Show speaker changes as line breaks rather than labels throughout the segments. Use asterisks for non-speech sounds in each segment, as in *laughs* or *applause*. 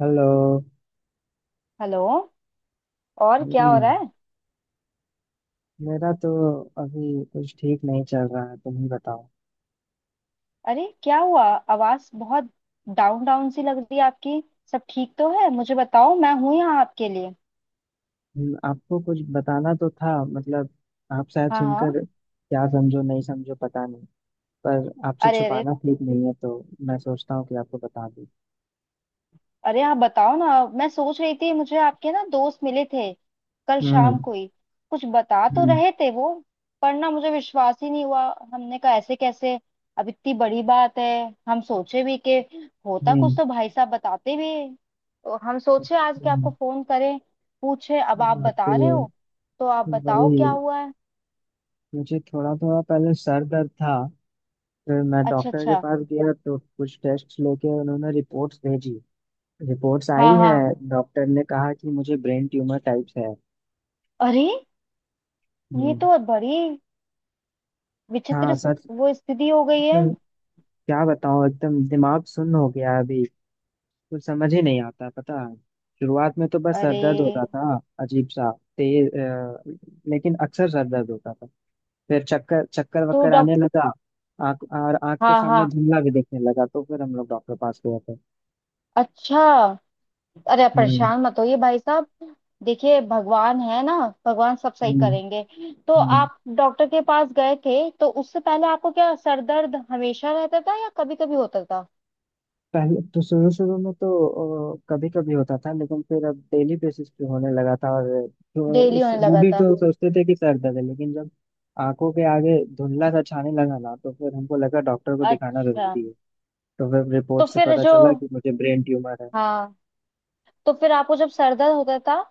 Hello.
Hello. और क्या हो रहा
हम्म,
है?
मेरा तो अभी कुछ ठीक नहीं चल रहा है। तुम ही बताओ।
अरे क्या हुआ? आवाज बहुत डाउन डाउन सी लग रही है आपकी। सब ठीक तो है? मुझे बताओ, मैं हूं यहाँ आपके लिए।
आपको कुछ बताना तो था, मतलब आप शायद
हाँ हाँ।
सुनकर क्या समझो, नहीं समझो, पता नहीं। पर आपसे
अरे अरे।
छुपाना ठीक नहीं है, तो मैं सोचता हूँ कि आपको बता दूँ।
अरे आप बताओ ना। मैं सोच रही थी, मुझे आपके ना दोस्त मिले थे कल शाम
हम्म।
को ही। कुछ बता तो
हम्म।
रहे थे वो। पर ना मुझे विश्वास ही नहीं हुआ। हमने कहा ऐसे कैसे? अब इतनी बड़ी बात है। हम सोचे भी कि होता कुछ
हम्म।
तो भाई साहब बताते भी। तो हम सोचे आज के
हम्म,
आपको फोन करें, पूछे। अब आप
तो
बता रहे हो, तो आप बताओ
वही,
क्या हुआ है।
मुझे थोड़ा थोड़ा पहले सर दर्द था। फिर मैं
अच्छा
डॉक्टर के
अच्छा।
पास गया तो कुछ टेस्ट लेके उन्होंने रिपोर्ट्स भेजी। रिपोर्ट्स आई
हाँ
है।
हाँ।
डॉक्टर ने कहा कि मुझे ब्रेन ट्यूमर टाइप्स है।
अरे ये
हम्म।
तो बड़ी
हाँ,
विचित्र
सच।
वो स्थिति हो गई है।
एकदम। क्या बताऊँ, एकदम दिमाग सुन्न हो गया है अभी। कुछ समझ ही नहीं आता, पता है। शुरुआत में तो बस सर
अरे।
दर्द होता था, अजीब सा, तेज लेकिन अक्सर सर दर्द होता था। फिर चक्कर चक्कर
तो
वक्कर
डॉक्टर।
आने लगा। आँख और आँख के
हाँ
सामने
हाँ।
धुंधला भी दिखने लगा तो फिर हम लोग डॉक्टर पास गए थे।
अच्छा। अरे आप
हम्म।
परेशान मत होइए भाई साहब। देखिए भगवान है ना, भगवान सब सही
हम्म।
करेंगे। तो
हम्म।
आप डॉक्टर के पास गए थे, तो उससे पहले आपको क्या सर दर्द हमेशा रहता था या कभी कभी होता था?
पहले तो शुरू शुरू में तो कभी कभी होता था, लेकिन फिर अब डेली बेसिस पे होने लगा था। और तो
डेली
उस
होने
वो
लगा
भी
था?
तो सोचते थे कि सर दर्द है, लेकिन जब आंखों के आगे धुंधला सा छाने लगा ना तो फिर हमको लगा डॉक्टर को दिखाना
अच्छा।
जरूरी है। तो फिर
तो
रिपोर्ट से
फिर
पता
जो,
चला कि मुझे ब्रेन ट्यूमर है।
हाँ, तो फिर आपको जब सर दर्द होता था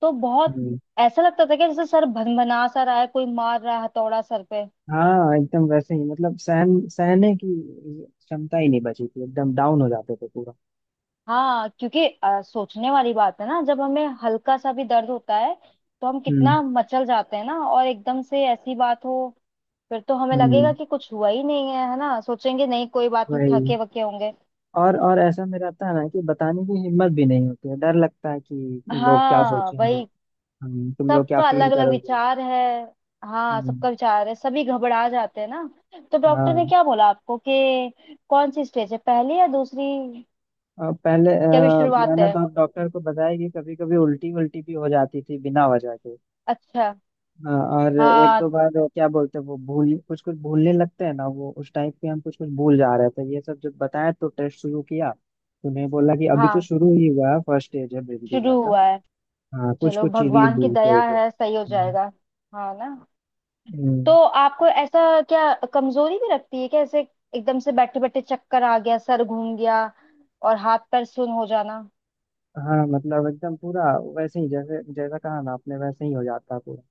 तो बहुत
हम्म।
ऐसा लगता था कि जैसे सर भनभना सा रहा है, कोई मार रहा है हथौड़ा सर पे?
हाँ, एकदम वैसे ही, मतलब सहन सहने की क्षमता ही नहीं बची थी, एकदम डाउन हो जाते थे पूरा।
हाँ क्योंकि सोचने वाली बात है ना, जब हमें हल्का सा भी दर्द होता है तो हम
हम्म।
कितना मचल जाते हैं ना, और एकदम से ऐसी बात हो। फिर तो हमें लगेगा
हम्म।
कि कुछ हुआ ही नहीं है, है ना? सोचेंगे नहीं कोई बात नहीं, थके
वही।
वके होंगे।
और ऐसा में रहता है ना, कि बताने की हिम्मत भी नहीं होती है, डर लगता है कि लोग क्या
हाँ
सोचेंगे।
वही।
तुम लोग क्या
सबका
फील
अलग अलग
करोगे।
विचार है। हाँ
हम्म।
सबका विचार है, सभी घबरा जाते हैं ना। तो डॉक्टर ने
हाँ।
क्या बोला आपको कि कौन सी स्टेज है, पहली या दूसरी?
और पहले
क्या अभी शुरुआत
मैंने
है?
तो डॉक्टर को बताया कि कभी कभी उल्टी उल्टी भी हो जाती थी बिना वजह के।
अच्छा।
हाँ। और एक
हाँ
दो बार वो क्या बोलते हैं, वो भूल, कुछ कुछ भूलने लगते हैं ना, वो उस टाइप के हम कुछ कुछ भूल जा रहे थे। ये सब जब बताया तो टेस्ट शुरू किया। तो उन्हें बोला कि अभी तो
हाँ।
शुरू ही हुआ है, फर्स्ट स्टेज है ब्रेन
शुरू
ट्यूमर का।
हुआ है।
हाँ, कुछ
चलो
कुछ चीजें
भगवान की
भूल के हो
दया
गए।
है, सही हो
हम्म।
जाएगा। हाँ ना। तो
हम्म।
आपको ऐसा क्या कमजोरी भी रखती है क्या ऐसे, एकदम से बैठे बैठे चक्कर आ गया, सर घूम गया, और हाथ पैर सुन हो जाना?
हाँ, मतलब एकदम पूरा वैसे ही, जैसे जैसा कहा ना आपने वैसे ही हो जाता है पूरा।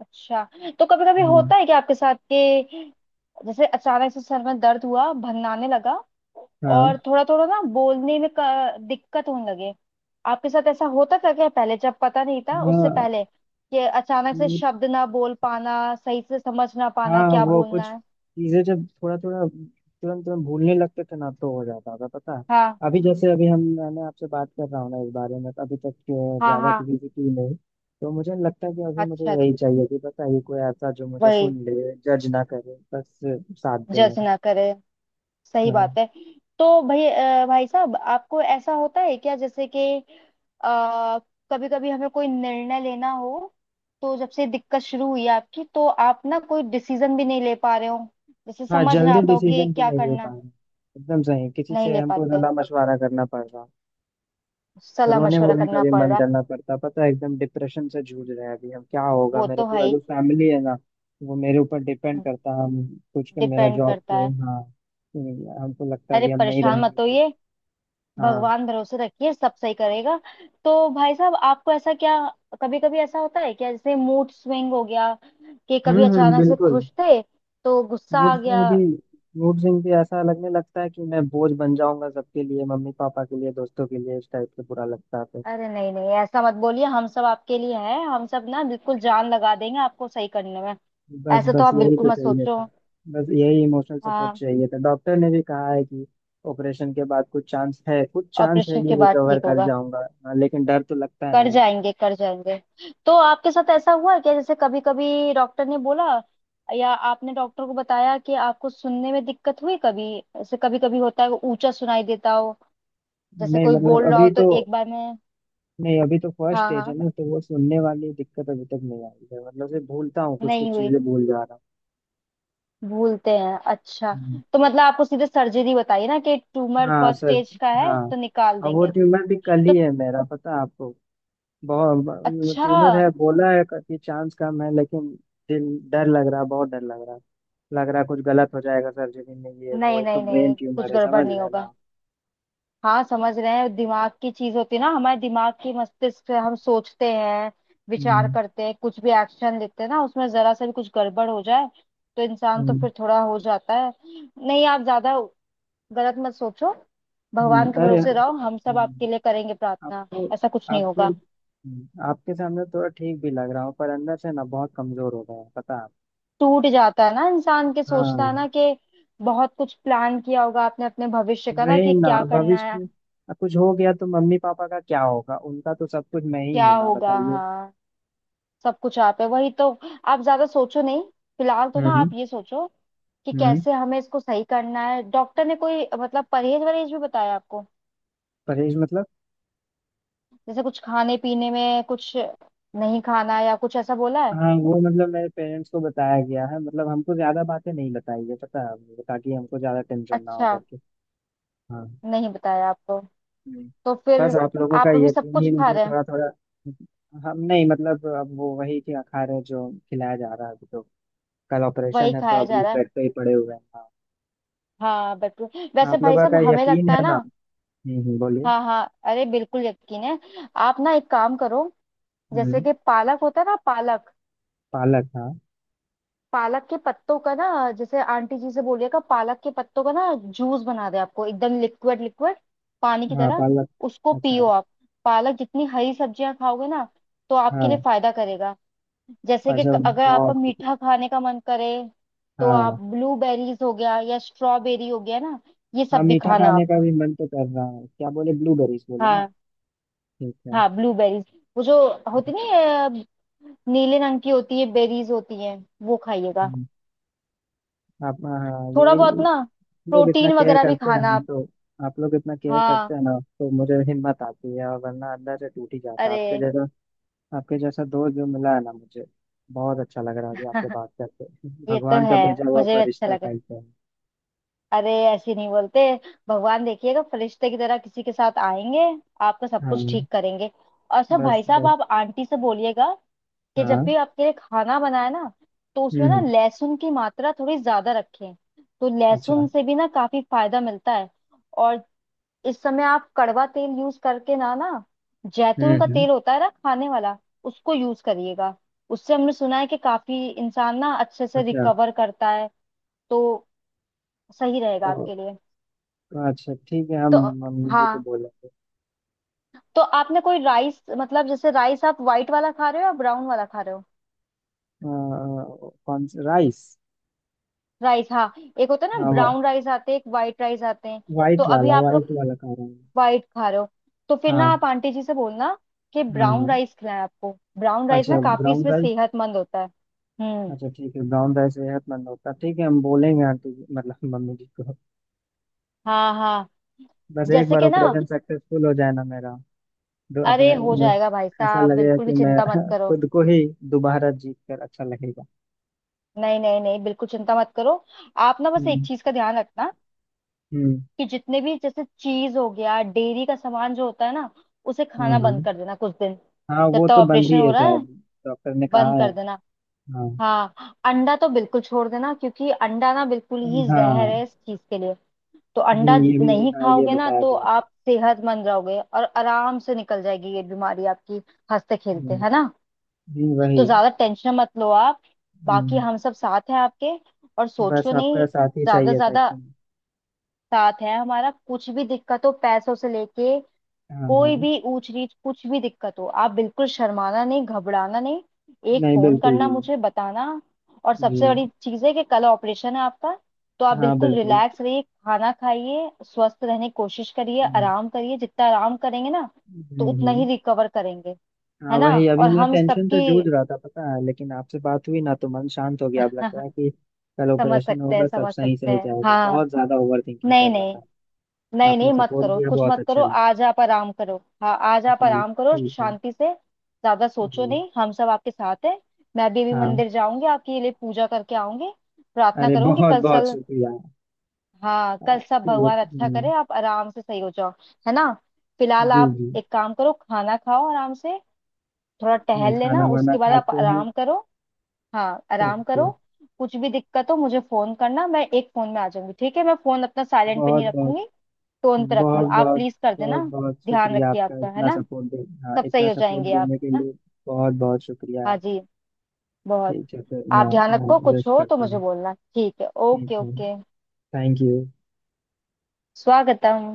अच्छा। तो कभी कभी
हम्म।
होता है क्या आपके साथ कि जैसे अचानक से सर में दर्द हुआ, भन्नाने लगा,
हाँ।
और थोड़ा थोड़ा ना बोलने में दिक्कत होने लगे? आपके साथ ऐसा होता था क्या पहले, जब पता नहीं था उससे
हाँ।
पहले, कि अचानक से
वो-
शब्द ना बोल पाना, सही से समझ ना पाना
हाँ,
क्या
वो कुछ
बोलना है?
चीजें, जब थोड़ा थोड़ा तुरंत तुरंत भूलने लगते थे ना तो हो जाता था, पता है।
हाँ
अभी जैसे अभी हम मैंने आपसे बात कर रहा हूँ ना, इस बारे में तो अभी तक
हाँ।
ज्यादा
हाँ।
किसी से की नहीं। तो मुझे लगता है कि अभी मुझे
अच्छा
यही
अच्छा।
चाहिए, कि पता है, ये कोई ऐसा जो मुझे सुन
वही।
ले, जज ना करे बस, साथ दे
जज
मेरा।
ना करे, सही
हाँ।
बात है। तो भाई भाई साहब आपको ऐसा होता है क्या जैसे कि कभी कभी हमें कोई निर्णय लेना हो, तो जब से दिक्कत शुरू हुई है आपकी तो आप ना कोई डिसीजन भी नहीं ले पा रहे हो, जैसे
हाँ,
समझ ना
जल्दी
आता हो कि
डिसीजन भी
क्या
नहीं ले
करना?
पाएंगे, एकदम सही, किसी
नहीं
से
ले
हमको
पाते।
सलाह मशवरा करना पड़ रहा।
सलाह
रोने
मशवरा
वोने का
करना
भी
पड़
मन
रहा है।
करना पड़ता, पता है, एकदम डिप्रेशन से जूझ रहे हैं अभी हम। क्या होगा
वो
मेरे,
तो
पूरा
भाई,
जो फैमिली है ना, वो मेरे ऊपर डिपेंड करता है, हम कुछ का, मेरा
डिपेंड
जॉब पे।
करता है।
हाँ। हमको लगता है
अरे
कि हम नहीं
परेशान
रहेंगे
मत
तो।
होइए,
हाँ।
भगवान भरोसे रखिए, सब सही करेगा। तो भाई साहब आपको ऐसा क्या कभी कभी ऐसा होता है क्या, जैसे मूड स्विंग हो गया, कि
हम्म।
कभी
हम्म,
अचानक से
बिल्कुल।
खुश थे तो गुस्सा
मूड
आ गया?
स्विंग भी मूड स्विंग भी ऐसा लगने लगता है कि मैं बोझ बन जाऊंगा, सबके लिए, मम्मी पापा के लिए, दोस्तों के लिए, इस टाइप से बुरा लगता है तो।
अरे नहीं नहीं ऐसा मत बोलिए। हम सब आपके लिए हैं, हम सब ना बिल्कुल जान लगा देंगे आपको सही करने में।
बस
ऐसा तो
बस,
आप
यही
बिल्कुल
तो
मत
चाहिए
सोचो।
था। बस यही इमोशनल सपोर्ट
हाँ।
चाहिए था। डॉक्टर ने भी कहा है कि ऑपरेशन के बाद कुछ चांस है, कुछ चांस है
ऑपरेशन
कि
के बाद
रिकवर
ठीक
कर
होगा।
जाऊंगा। हाँ, लेकिन डर तो लगता है ना
कर
यार।
जाएंगे कर जाएंगे। तो आपके साथ ऐसा हुआ है क्या, जैसे कभी कभी डॉक्टर ने बोला या आपने डॉक्टर को बताया कि आपको सुनने में दिक्कत हुई कभी ऐसे, कभी कभी होता है ऊंचा सुनाई देता हो, जैसे
नहीं,
कोई
मतलब
बोल रहा हो
अभी
तो
तो,
एक बार में?
नहीं, अभी तो फर्स्ट
हाँ
स्टेज है
हाँ।
ना, तो वो सुनने वाली दिक्कत अभी तक नहीं आई है, मतलब से भूलता हूँ, कुछ
नहीं
कुछ
हुई।
चीजें भूल जा रहा हूँ।
भूलते हैं, अच्छा।
हम्म।
तो मतलब आपको सीधे सर्जरी बताइए ना कि ट्यूमर
हाँ
फर्स्ट
सर।
स्टेज का है
हाँ।
तो निकाल
और वो
देंगे।
ट्यूमर भी कल
तो
ही है मेरा, पता है आपको, बहुत
अच्छा।
ट्यूमर है, बोला है कि चांस कम है, लेकिन दिल, डर लग रहा, बहुत डर लग रहा, लग रहा है कुछ गलत हो जाएगा सर्जरी में, ये वो,
नहीं
एक तो
नहीं
ब्रेन
नहीं कुछ
ट्यूमर है,
गड़बड़
समझ
नहीं
रहे हैं ना
होगा।
आप।
हाँ समझ रहे हैं, दिमाग की चीज होती है ना, हमारे दिमाग की मस्तिष्क से हम सोचते हैं, विचार
हम्म।
करते हैं, कुछ भी एक्शन लेते हैं ना, उसमें जरा सा भी कुछ गड़बड़ हो जाए तो इंसान तो
हम्म।
फिर थोड़ा हो जाता है। नहीं आप ज्यादा गलत मत सोचो। भगवान के
अरे।
भरोसे रहो, हम सब
हम्म,
आपके लिए करेंगे प्रार्थना।
आपको
ऐसा कुछ नहीं
आपको
होगा।
आपके सामने थोड़ा ठीक भी लग रहा हूँ, पर अंदर से ना बहुत कमजोर हो गया है, पता है।
टूट जाता है ना इंसान, के सोचता है
हाँ,
ना कि बहुत कुछ प्लान किया होगा आपने अपने भविष्य का, ना,
वही
कि
ना,
क्या करना
भविष्य
है।
में। अब कुछ हो गया तो मम्मी पापा का क्या होगा, उनका तो सब कुछ मैं ही
क्या
हूं ना,
होगा,
बताइए।
हाँ। सब कुछ आप है वही तो। आप ज्यादा सोचो नहीं। फिलहाल तो ना
हम्म।
आप ये सोचो कि
हम्म।
कैसे हमें इसको सही करना है। डॉक्टर ने कोई मतलब परहेज वरहेज भी बताया आपको,
परहेज मतलब?
जैसे कुछ खाने पीने में कुछ नहीं खाना या कुछ ऐसा बोला है?
हाँ, वो मतलब मेरे पेरेंट्स को बताया गया है, मतलब हमको ज्यादा बातें नहीं बताई है, पता है, ताकि हमको ज्यादा टेंशन ना हो
अच्छा,
करके। हाँ।
नहीं बताया आपको।
हम्म,
तो फिर
बस आप लोगों
आप
का
अभी सब
यकीन
कुछ
ही
खा
मुझे
रहे हैं?
थोड़ा थोड़ा। हम, नहीं मतलब, अब वो वही क्या खा रहे हैं जो खिलाया जा रहा है अभी तो। कल
वही
ऑपरेशन है तो
खाया जा
अभी
रहा है,
बेड पे ही पड़े हुए हैं। हाँ।
हाँ बिल्कुल। वैसे
आप
भाई
लोगों
साहब
का
हमें
यकीन
लगता है
है
ना,
ना। हम्म। बोलिए।
हाँ हाँ, अरे बिल्कुल यकीन है। आप ना एक काम करो, जैसे
हम्म।
कि पालक होता है ना, पालक।
पालक, हाँ।
पालक के पत्तों का ना, जैसे आंटी जी से बोलिएगा पालक के पत्तों का ना जूस बना दे आपको, एकदम लिक्विड लिक्विड पानी की
हाँ,
तरह,
पालक।
उसको
अच्छा।
पियो आप। पालक जितनी हरी सब्जियां खाओगे ना तो आपके लिए
हाँ।
फायदा करेगा। जैसे कि
अच्छा,
अगर आपका
बहुत शुक्रिया।
मीठा खाने का मन करे तो आप
हाँ,
ब्लूबेरीज हो गया या स्ट्रॉबेरी हो गया ना, ये
हाँ,
सब भी
मीठा
खाना
खाने
आप।
का भी मन तो कर रहा है। क्या बोले, ब्लूबेरीज बोले ना।
हाँ
ठीक है।
हाँ। ब्लूबेरीज, वो जो होती नहीं है, नीले रंग की होती है, बेरीज होती है, वो खाइएगा।
हम्म, आप, हाँ,
थोड़ा
यही
बहुत ना
लोग इतना
प्रोटीन
केयर
वगैरह भी
करते हैं ना
खाना।
तो, आप लोग इतना केयर
हाँ
करते हैं ना तो मुझे हिम्मत आती है, और वरना अंदर से टूट ही जाता।
अरे।
आपके जैसा, आपके जैसा दोस्त जो मिला है ना मुझे, बहुत अच्छा लग रहा है अभी आपसे
*laughs*
बात करके।
ये तो
भगवान का
है,
भेजा हुआ
मुझे भी अच्छा
फरिश्ता
लगा।
टाइप है।
अरे ऐसे नहीं बोलते। भगवान देखिएगा फरिश्ते की तरह किसी के साथ आएंगे, आपका सब कुछ
हाँ।
ठीक करेंगे। और सब
बस
भाई साहब
बस।
आप आंटी से बोलिएगा कि जब
हाँ।
भी आपके लिए खाना बनाए ना तो
हम्म।
उसमें ना लहसुन की मात्रा थोड़ी ज्यादा रखें। तो लहसुन
अच्छा।
से भी ना काफी फायदा मिलता है। और इस समय आप कड़वा तेल यूज करके ना ना,
हम्म।
जैतून का
हम्म।
तेल होता है ना खाने वाला, उसको यूज करिएगा। उससे हमने सुना है कि काफी इंसान ना अच्छे से
अच्छा।
रिकवर करता है। तो सही रहेगा
तो,
आपके लिए।
अच्छा, ठीक है, हम
तो
मम्मी जी को
हाँ।
बोलेंगे।
तो आपने कोई राइस मतलब, जैसे राइस आप व्हाइट वाला खा रहे हो या ब्राउन वाला खा रहे हो?
अ, कौन सा राइस?
राइस, हाँ। एक होता है ना
हाँ,
ब्राउन राइस आते हैं, एक व्हाइट राइस आते हैं। तो
वाइट
अभी
वाला,
आप
वाइट
लोग
वाला खा रहा हूँ।
व्हाइट खा रहे हो, तो फिर ना
हाँ।
आप आंटी जी से बोलना कि
हाँ।
ब्राउन
हाँ।
राइस खिलाएं आपको। ब्राउन राइस ना
अच्छा,
काफी
ब्राउन
इसमें
राइस।
सेहतमंद होता है। हम्म।
अच्छा, ठीक है, ब्राउन राइस सेहतमंद होता है, ठीक है, हम बोलेंगे मतलब मम्मी जी को।
हाँ हाँ।
बस एक
जैसे
बार
कि ना,
ऑपरेशन सक्सेसफुल *laughs* हो जाए ना मेरा, तो
अरे
अपने
हो
मैं-
जाएगा भाई
ऐसा
साहब,
लगेगा
बिल्कुल
कि
भी
मैं
चिंता मत
*laughs*
करो।
खुद को ही दोबारा जीत कर अच्छा लगेगा।
नहीं नहीं नहीं बिल्कुल चिंता मत करो। आप ना बस एक
हम्म।
चीज का ध्यान रखना
हम्म।
कि जितने भी जैसे चीज हो गया डेयरी का सामान जो होता है ना, उसे खाना
हम्म।
बंद
हम्म।
कर देना कुछ दिन,
हाँ,
जब
वो
तक
तो बंद
ऑपरेशन
ही
हो
है
रहा है
शायद, डॉक्टर ने कहा
बंद
है।
कर देना।
हाँ।
हाँ अंडा तो बिल्कुल छोड़ देना, क्योंकि अंडा ना बिल्कुल ही जहर
हाँ।
है इस चीज के लिए। तो अंडा
ये भी।
नहीं
हाँ, ये
खाओगे ना,
बताया
तो
गया था।
आप सेहतमंद रहोगे और आराम से निकल जाएगी ये बीमारी आपकी, हंसते
हम्म।
खेलते, है ना।
वही।
तो ज्यादा टेंशन मत लो आप, बाकी
हम्म।
हम सब साथ हैं आपके, और
बस
सोचो
आपका
नहीं
साथ ही
ज्यादा।
चाहिए था
ज्यादा
कि।
साथ है हमारा, कुछ भी दिक्कत हो पैसों से लेके,
हाँ।
कोई
हाँ।
भी ऊंच नीच कुछ भी दिक्कत हो, आप बिल्कुल शर्माना नहीं, घबराना नहीं, एक
नहीं,
फोन
बिल्कुल भी
करना,
नहीं।
मुझे बताना। और
जी।
सबसे बड़ी चीज है कि कल ऑपरेशन है आपका, तो आप
हाँ,
बिल्कुल
बिल्कुल।
रिलैक्स रहिए, खाना खाइए, स्वस्थ रहने की कोशिश करिए,
हम्म।
आराम करिए, जितना आराम करेंगे ना तो
हम्म।
उतना ही
हम्म।
रिकवर करेंगे,
हाँ,
है ना।
वही, अभी
और
मैं
हम
टेंशन से
सबकी
जूझ रहा था, पता है, लेकिन आपसे बात हुई ना तो मन शांत हो गया, अब लगता है
*laughs*
कि कल
समझ
ऑपरेशन
सकते
होगा,
हैं
सब
समझ
सही
सकते
सही
हैं,
जाएगा।
हाँ।
बहुत ज्यादा ओवर थिंकिंग
नहीं
कर रहा
नहीं।
था।
नहीं
आपने
नहीं मत
सपोर्ट
करो,
दिया,
कुछ
बहुत
मत करो,
अच्छा लगा।
आज आप आराम करो। हाँ आज आप
जी,
आराम करो
ठीक है।
शांति से, ज्यादा सोचो
जी।
नहीं, हम सब आपके साथ हैं। मैं भी अभी
हाँ,
मंदिर जाऊंगी, आपके लिए पूजा करके आऊंगी, प्रार्थना
अरे
करूंगी,
बहुत
कल
बहुत
सल।
शुक्रिया।
हाँ कल सब
आपके लिए।
भगवान अच्छा करे, आप आराम से सही हो जाओ, है ना। फिलहाल
जी
आप
जी।
एक काम करो, खाना खाओ आराम से, थोड़ा टहल लेना,
खाना वाना
उसके बाद आप
खाते हैं।
आराम करो। हाँ आराम
ओके।
करो। कुछ भी दिक्कत हो मुझे फोन करना, मैं एक फोन में आ जाऊंगी। ठीक है, मैं फोन अपना साइलेंट पे
बहुत
नहीं
बहुत।
रखूंगी, टोन पे रखूंगी,
बहुत
आप
बहुत।
प्लीज कर
बहुत
देना।
बहुत
ध्यान
शुक्रिया
रखिए
आपका,
आपका, है
इतना
ना,
सपोर्ट दे हाँ,
सब सही
इतना
हो
सपोर्ट
जाएंगे आप,
देने के
है ना।
लिए बहुत बहुत शुक्रिया।
हाँ जी। बहुत।
ठीक है, फिर मैं
आप ध्यान
मैं
रखो, कुछ
विश
हो तो
करता
मुझे
हूँ।
बोलना, ठीक है,
ठीक
ओके
है।
ओके।
Thank you.
स्वागतम।